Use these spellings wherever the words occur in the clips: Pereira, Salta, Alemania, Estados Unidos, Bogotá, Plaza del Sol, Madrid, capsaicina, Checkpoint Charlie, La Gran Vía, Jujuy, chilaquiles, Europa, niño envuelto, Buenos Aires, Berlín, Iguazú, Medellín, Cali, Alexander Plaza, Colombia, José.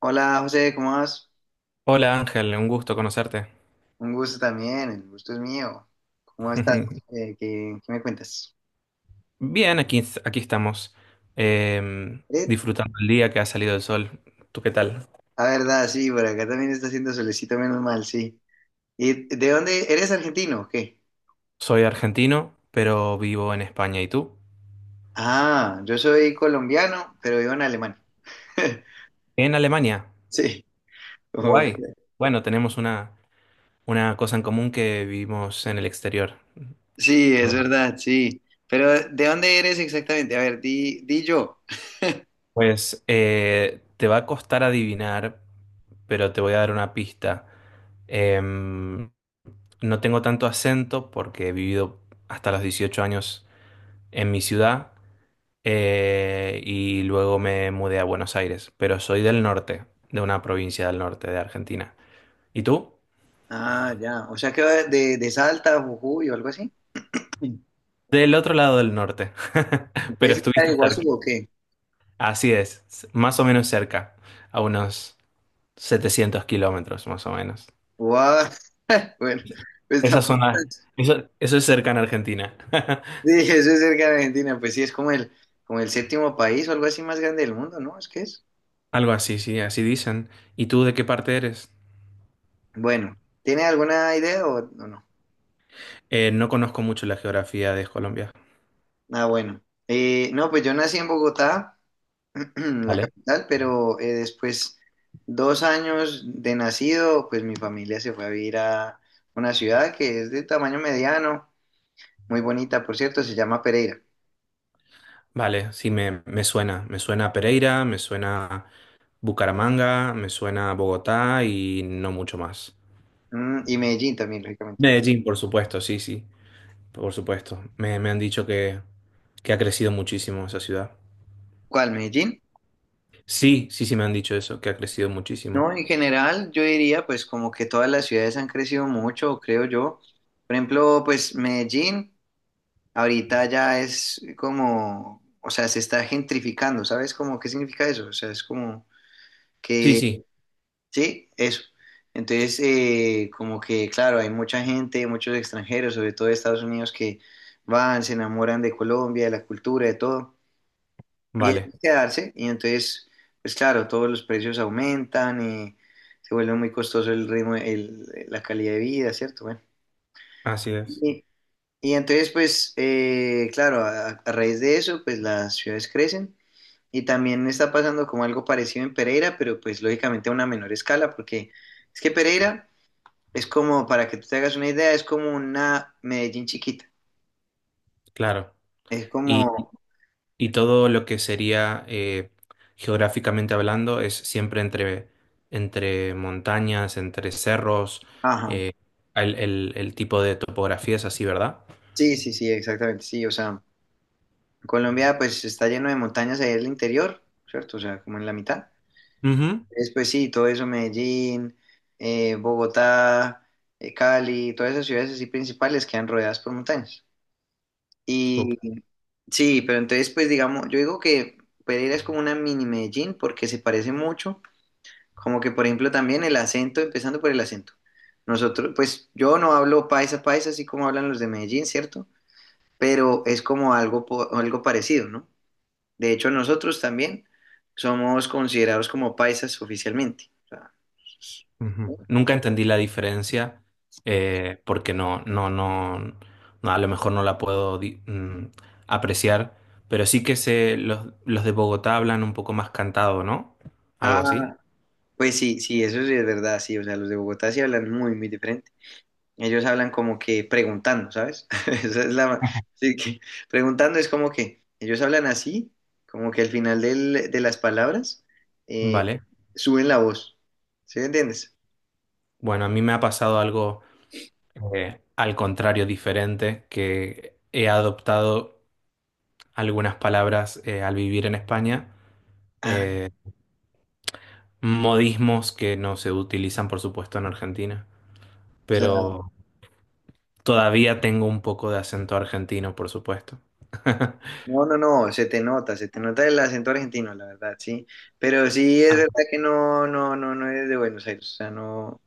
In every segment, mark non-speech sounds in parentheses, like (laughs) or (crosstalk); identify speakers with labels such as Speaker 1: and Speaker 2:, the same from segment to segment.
Speaker 1: Hola José, ¿cómo vas?
Speaker 2: Hola Ángel, un gusto conocerte.
Speaker 1: Un gusto también, el gusto es mío. ¿Cómo estás?
Speaker 2: (laughs)
Speaker 1: ¿Qué me cuentas?
Speaker 2: Bien, aquí estamos,
Speaker 1: Eh,
Speaker 2: disfrutando el día que ha salido el sol. ¿Tú qué tal?
Speaker 1: la verdad, sí, por acá también está haciendo solecito, menos mal, sí. ¿Y de dónde eres argentino o qué?
Speaker 2: Soy argentino, pero vivo en España. ¿Y tú?
Speaker 1: Ah, yo soy colombiano, pero vivo en Alemania. (laughs)
Speaker 2: En Alemania.
Speaker 1: Sí,
Speaker 2: Qué
Speaker 1: como-
Speaker 2: Guay. Bueno, una cosa en común que vivimos en el exterior.
Speaker 1: sí, es
Speaker 2: Bueno.
Speaker 1: verdad, sí. Pero ¿de dónde eres exactamente? A ver, di yo.
Speaker 2: Pues te va a costar adivinar, pero te voy a dar una pista. Em, no tengo tanto acento porque he vivido hasta los 18 años en mi ciudad. Y luego me mudé a Buenos Aires, pero soy del norte, de una provincia del norte de Argentina. ¿Y tú?
Speaker 1: Ah, ya, o sea que va de Salta, Jujuy o algo así.
Speaker 2: Del otro lado del norte, (laughs) pero
Speaker 1: ¿Ustedes están
Speaker 2: estuviste
Speaker 1: de
Speaker 2: cerca.
Speaker 1: Iguazú o qué?
Speaker 2: Así es, más o menos cerca, a unos 700 kilómetros más o menos.
Speaker 1: Guau. (laughs) Bueno, pues
Speaker 2: Esa
Speaker 1: tampoco es
Speaker 2: zona,
Speaker 1: tan-
Speaker 2: eso es cerca en Argentina. (laughs)
Speaker 1: Sí, eso es cerca de Argentina, pues sí, es como el séptimo país o algo así más grande del mundo, ¿no? Es que es.
Speaker 2: Algo así, sí, así dicen. ¿Y tú de qué parte eres?
Speaker 1: Bueno, ¿tiene alguna idea o no?
Speaker 2: No conozco mucho la geografía de Colombia.
Speaker 1: Ah, bueno. No, pues yo nací en Bogotá, (clears throat) la
Speaker 2: Vale.
Speaker 1: capital, pero después 2 años de nacido, pues mi familia se fue a vivir a una ciudad que es de tamaño mediano, muy bonita, por cierto, se llama Pereira.
Speaker 2: Vale, sí, me suena. Me suena Pereira, me suena Bucaramanga, me suena Bogotá y no mucho más.
Speaker 1: Y Medellín también, lógicamente, ¿no?
Speaker 2: Medellín, por supuesto, sí, sí, por supuesto. Me han dicho que ha crecido muchísimo esa ciudad.
Speaker 1: ¿Cuál? ¿Medellín?
Speaker 2: Sí, sí, sí, me han dicho eso, que ha crecido muchísimo.
Speaker 1: No, en general yo diría pues como que todas las ciudades han crecido mucho, creo yo. Por ejemplo, pues Medellín ahorita ya es como, o sea, se está gentrificando, ¿sabes? Como, ¿qué significa eso? O sea, es como
Speaker 2: Sí,
Speaker 1: que,
Speaker 2: sí,
Speaker 1: sí, eso. Entonces, como que, claro, hay mucha gente, muchos extranjeros, sobre todo de Estados Unidos, que van, se enamoran de Colombia, de la cultura, de todo y es
Speaker 2: vale,
Speaker 1: de quedarse, y entonces, pues claro, todos los precios aumentan, se vuelve muy costoso el ritmo, la calidad de vida, ¿cierto? Bueno,
Speaker 2: así es,
Speaker 1: y, y entonces, pues, claro, a raíz de eso, pues las ciudades crecen, y también está pasando como algo parecido en Pereira, pero pues lógicamente a una menor escala, porque es que Pereira es como, para que tú te hagas una idea, es como una Medellín chiquita,
Speaker 2: claro.
Speaker 1: es como,
Speaker 2: Y todo lo que sería geográficamente hablando es siempre entre montañas, entre cerros,
Speaker 1: ajá,
Speaker 2: eh, el tipo de topografía es así, ¿verdad?
Speaker 1: sí, sí, sí, exactamente, sí, o sea. Colombia pues está lleno de montañas ahí en el interior, ¿cierto? O sea, como en la mitad.
Speaker 2: Ujú.
Speaker 1: Entonces, pues sí, todo eso, Medellín, Bogotá, Cali, todas esas ciudades así principales quedan rodeadas por montañas. Y
Speaker 2: Súper.
Speaker 1: sí, pero entonces pues digamos, yo digo que Pereira es como una mini Medellín porque se parece mucho, como que por ejemplo también el acento, empezando por el acento. Nosotros, pues yo no hablo paisa paisa así como hablan los de Medellín, ¿cierto? Pero es como algo, algo parecido, ¿no? De hecho, nosotros también somos considerados como paisas oficialmente. O sea,
Speaker 2: Ujú. Nunca entendí la diferencia porque no, a lo mejor no la puedo apreciar, pero sí que sé, los de Bogotá hablan un poco más cantado, ¿no? Algo así.
Speaker 1: ah, pues sí, sí, eso sí es verdad, sí. O sea, los de Bogotá sí hablan muy, muy diferente. Ellos hablan como que preguntando, ¿sabes? (laughs) Esa es la. Sí, que preguntando es como que ellos hablan así, como que al final de las palabras eh,
Speaker 2: Vale.
Speaker 1: suben la voz. ¿Sí me entiendes?
Speaker 2: Bueno, a mí me ha pasado algo. Al contrario diferente, que he adoptado algunas palabras al vivir en España,
Speaker 1: Ah,
Speaker 2: modismos que no se utilizan, por supuesto, en Argentina, pero todavía tengo un poco de acento argentino, por supuesto. (laughs)
Speaker 1: no, no, no, se te nota el acento argentino, la verdad, sí. Pero sí es
Speaker 2: Ah,
Speaker 1: verdad que no, no, no, no es de Buenos Aires, o sea, no,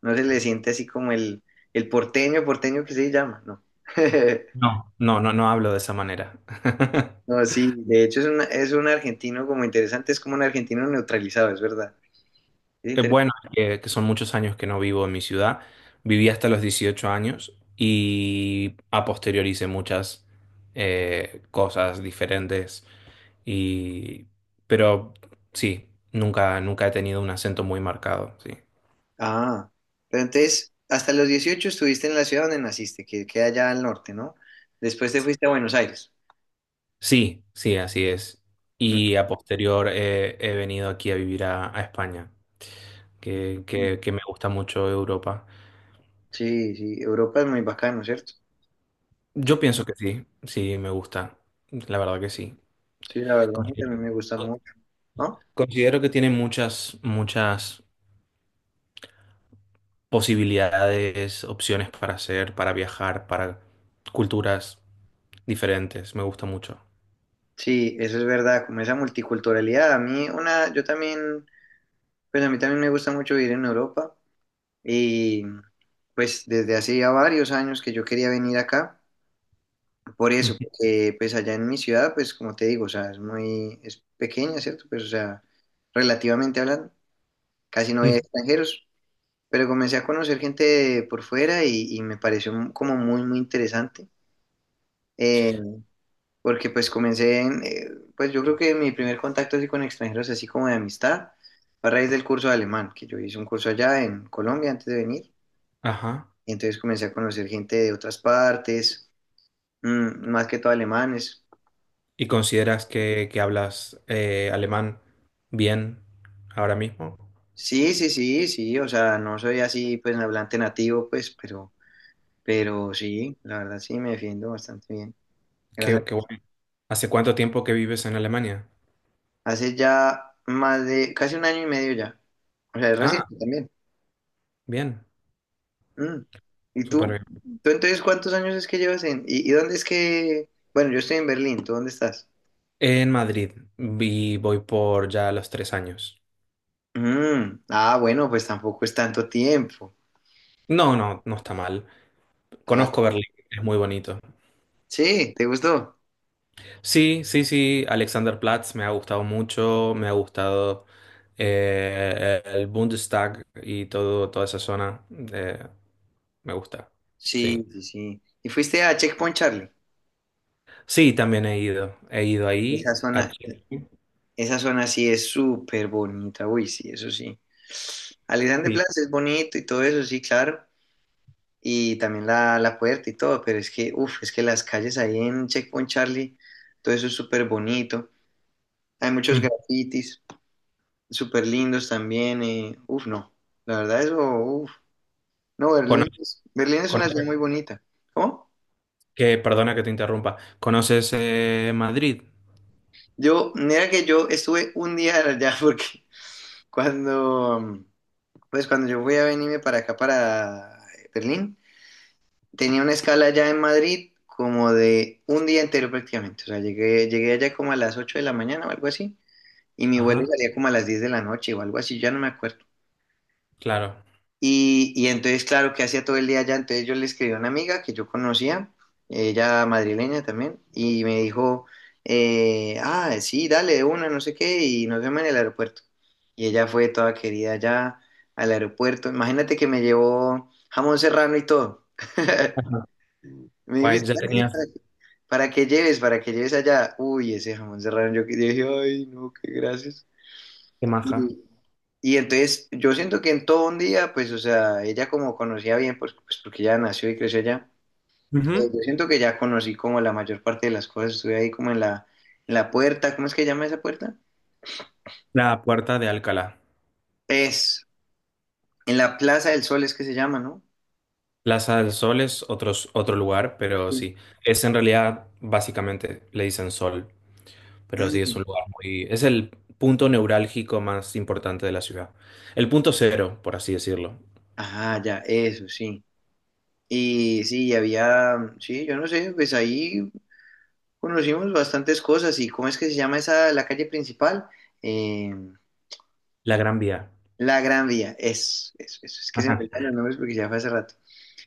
Speaker 1: no se le siente así como el porteño, porteño que se llama, no. (laughs)
Speaker 2: no hablo de esa manera. (laughs)
Speaker 1: No, sí, de hecho es un, argentino como interesante, es como un argentino neutralizado, es verdad. Es interesante.
Speaker 2: Bueno, que son muchos años que no vivo en mi ciudad. Viví hasta los 18 años y a posteriori hice muchas cosas diferentes. Y, pero sí, nunca he tenido un acento muy marcado, sí.
Speaker 1: Ah, pero entonces, hasta los 18 estuviste en la ciudad donde naciste, que queda allá al norte, ¿no? Después te fuiste a Buenos Aires.
Speaker 2: Sí, sí, así es.
Speaker 1: Mm.
Speaker 2: Y a posterior he venido aquí a vivir a España,
Speaker 1: mm,
Speaker 2: que me gusta mucho Europa.
Speaker 1: Sí, sí, Europa es muy bacano, ¿cierto?
Speaker 2: Yo pienso que sí, sí, me gusta. La verdad que sí.
Speaker 1: Sí, la verdad, a mí también
Speaker 2: Considero
Speaker 1: me gusta mucho, ¿no?
Speaker 2: considero que tiene muchas posibilidades, opciones para hacer, para viajar, para culturas diferentes. Me gusta mucho.
Speaker 1: Sí, eso es verdad, como esa multiculturalidad. A mí una, yo también, pues a mí también me gusta mucho vivir en Europa y pues desde hace ya varios años que yo quería venir acá, por eso,
Speaker 2: Ujú,
Speaker 1: porque pues allá en mi ciudad, pues como te digo, o sea, es muy, es pequeña, ¿cierto? Pues o sea, relativamente hablando, casi no había
Speaker 2: ujú.
Speaker 1: extranjeros, pero comencé a conocer gente por fuera y me pareció como muy, muy interesante. Eh, porque pues comencé en, pues yo creo que mi primer contacto así con extranjeros, así como de amistad, fue a raíz del curso de alemán, que yo hice un curso allá en Colombia antes de venir,
Speaker 2: Ajá.
Speaker 1: y entonces comencé a conocer gente de otras partes, más que todo alemanes.
Speaker 2: ¿Y consideras que hablas alemán bien ahora mismo?
Speaker 1: Sí, sí, sí, sí, o sea, no soy así pues hablante nativo, pues, pero sí, la verdad sí me defiendo bastante bien. Gracias.
Speaker 2: Qué, qué bueno. ¿Hace cuánto tiempo que vives en Alemania?
Speaker 1: Hace ya más de, casi 1 año y medio ya, o sea, es
Speaker 2: Ah,
Speaker 1: reciente también.
Speaker 2: bien,
Speaker 1: Mm. ¿Y
Speaker 2: súper
Speaker 1: tú?
Speaker 2: bien.
Speaker 1: ¿Tú entonces cuántos años es que llevas en? ¿Y dónde es que? Bueno, yo estoy en Berlín, ¿tú dónde estás?
Speaker 2: En Madrid voy por ya los 3 años.
Speaker 1: Mm. Ah, bueno, pues tampoco es tanto tiempo.
Speaker 2: No, no, no está mal.
Speaker 1: Ah,
Speaker 2: Conozco Berlín, es muy bonito.
Speaker 1: sí, ¿te gustó?
Speaker 2: Sí, sí, sí, Alexanderplatz me ha gustado mucho, me ha gustado el Bundestag y todo, toda esa zona. eh, Me gusta, sí.
Speaker 1: Sí, sí, sí. ¿Y fuiste a Checkpoint Charlie?
Speaker 2: Sí, también he ido. He ido
Speaker 1: Esa
Speaker 2: ahí. A
Speaker 1: zona,
Speaker 2: Chile.
Speaker 1: esa zona sí es súper bonita, uy, sí, eso sí. Alexander
Speaker 2: Sí.
Speaker 1: Plaza es bonito y todo eso, sí, claro. Y también la puerta y todo, pero es que, uff, es que las calles ahí en Checkpoint Charlie, todo eso es súper bonito. Hay muchos
Speaker 2: Mm.
Speaker 1: grafitis súper lindos también. Uf, no. La verdad, eso, uf. No,
Speaker 2: Cono-
Speaker 1: Berlín es una ciudad
Speaker 2: cono-
Speaker 1: muy bonita. ¿Cómo?
Speaker 2: perdona que te interrumpa. ¿Conoces Madrid?
Speaker 1: Yo, mira que yo estuve un día allá (laughs) porque cuando, mm, pues cuando yo fui a venirme para acá, para Berlín, tenía una escala allá en Madrid como de un día entero prácticamente. O sea, llegué allá como a las 8 de la mañana o algo así. Y mi vuelo
Speaker 2: Ajá,
Speaker 1: salía como a las 10 de la noche o algo así, ya no me acuerdo.
Speaker 2: claro.
Speaker 1: Y entonces, claro, que hacía todo el día allá? Entonces yo le escribí a una amiga que yo conocía, ella madrileña también, y me dijo, ah, sí, dale, de una, no sé qué, y nos vemos en el aeropuerto. Y ella fue toda querida allá al aeropuerto. Imagínate que me llevó jamón serrano y todo. (laughs)
Speaker 2: Ajá.
Speaker 1: Me
Speaker 2: Guay,
Speaker 1: dijiste,
Speaker 2: ya
Speaker 1: "Ah, sí,
Speaker 2: tenías
Speaker 1: para que lleves allá. Uy, ese jamón serrano, yo, yo dije, ay, no, qué gracias.
Speaker 2: qué maja.
Speaker 1: Y, y entonces yo siento que en todo un día, pues, o sea, ella como conocía bien, pues porque ya nació y creció allá,
Speaker 2: Ujú.
Speaker 1: yo siento que ya conocí como la mayor parte de las cosas, estuve ahí como en la puerta, ¿cómo es que llama esa puerta?
Speaker 2: La Puerta de Alcalá.
Speaker 1: Es, en la Plaza del Sol es que se llama, ¿no?
Speaker 2: Plaza del Sol es otro lugar, pero
Speaker 1: Sí.
Speaker 2: sí. Es en realidad, básicamente, le dicen Sol. Pero sí, es
Speaker 1: Mm.
Speaker 2: un lugar muy... Es el punto neurálgico más importante de la ciudad. El punto cero, por así decirlo.
Speaker 1: Ajá, ya, eso, sí. Y sí, había, sí, yo no sé, pues ahí conocimos bastantes cosas y ¿cómo es que se llama esa, la calle principal? Eh,
Speaker 2: La Gran Vía.
Speaker 1: La Gran Vía, es que se me olvidan los nombres porque ya fue hace rato.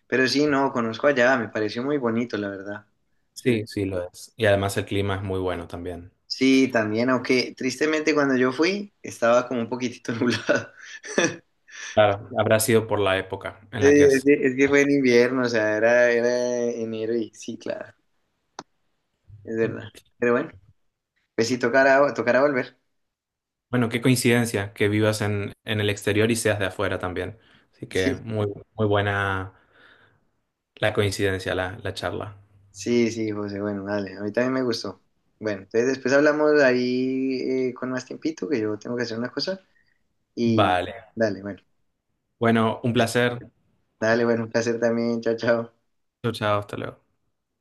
Speaker 1: Pero sí, no, conozco allá, me pareció muy bonito, la verdad. Sí,
Speaker 2: Sí, sí lo es. Y además el clima es muy bueno también.
Speaker 1: sí, también, aunque tristemente cuando yo fui estaba como un poquitito (laughs) nublado.
Speaker 2: Claro, habrá sido por la época en
Speaker 1: Sí,
Speaker 2: la que
Speaker 1: Es
Speaker 2: es.
Speaker 1: que, es que fue en invierno, o sea, era enero y sí, claro, es verdad. Pero bueno, pues sí, tocará volver.
Speaker 2: Bueno, qué coincidencia que vivas en el exterior y seas de afuera también. Así
Speaker 1: Sí,
Speaker 2: que muy, muy buena la coincidencia, la charla.
Speaker 1: sí, sí, José, bueno, dale, a mí también me gustó. Bueno, entonces después hablamos ahí con más tiempito, que yo tengo que hacer una cosa y
Speaker 2: Vale.
Speaker 1: dale, bueno.
Speaker 2: Bueno, un placer.
Speaker 1: Dale, bueno, un placer también. Chao, chao.
Speaker 2: Chao, chao, hasta luego.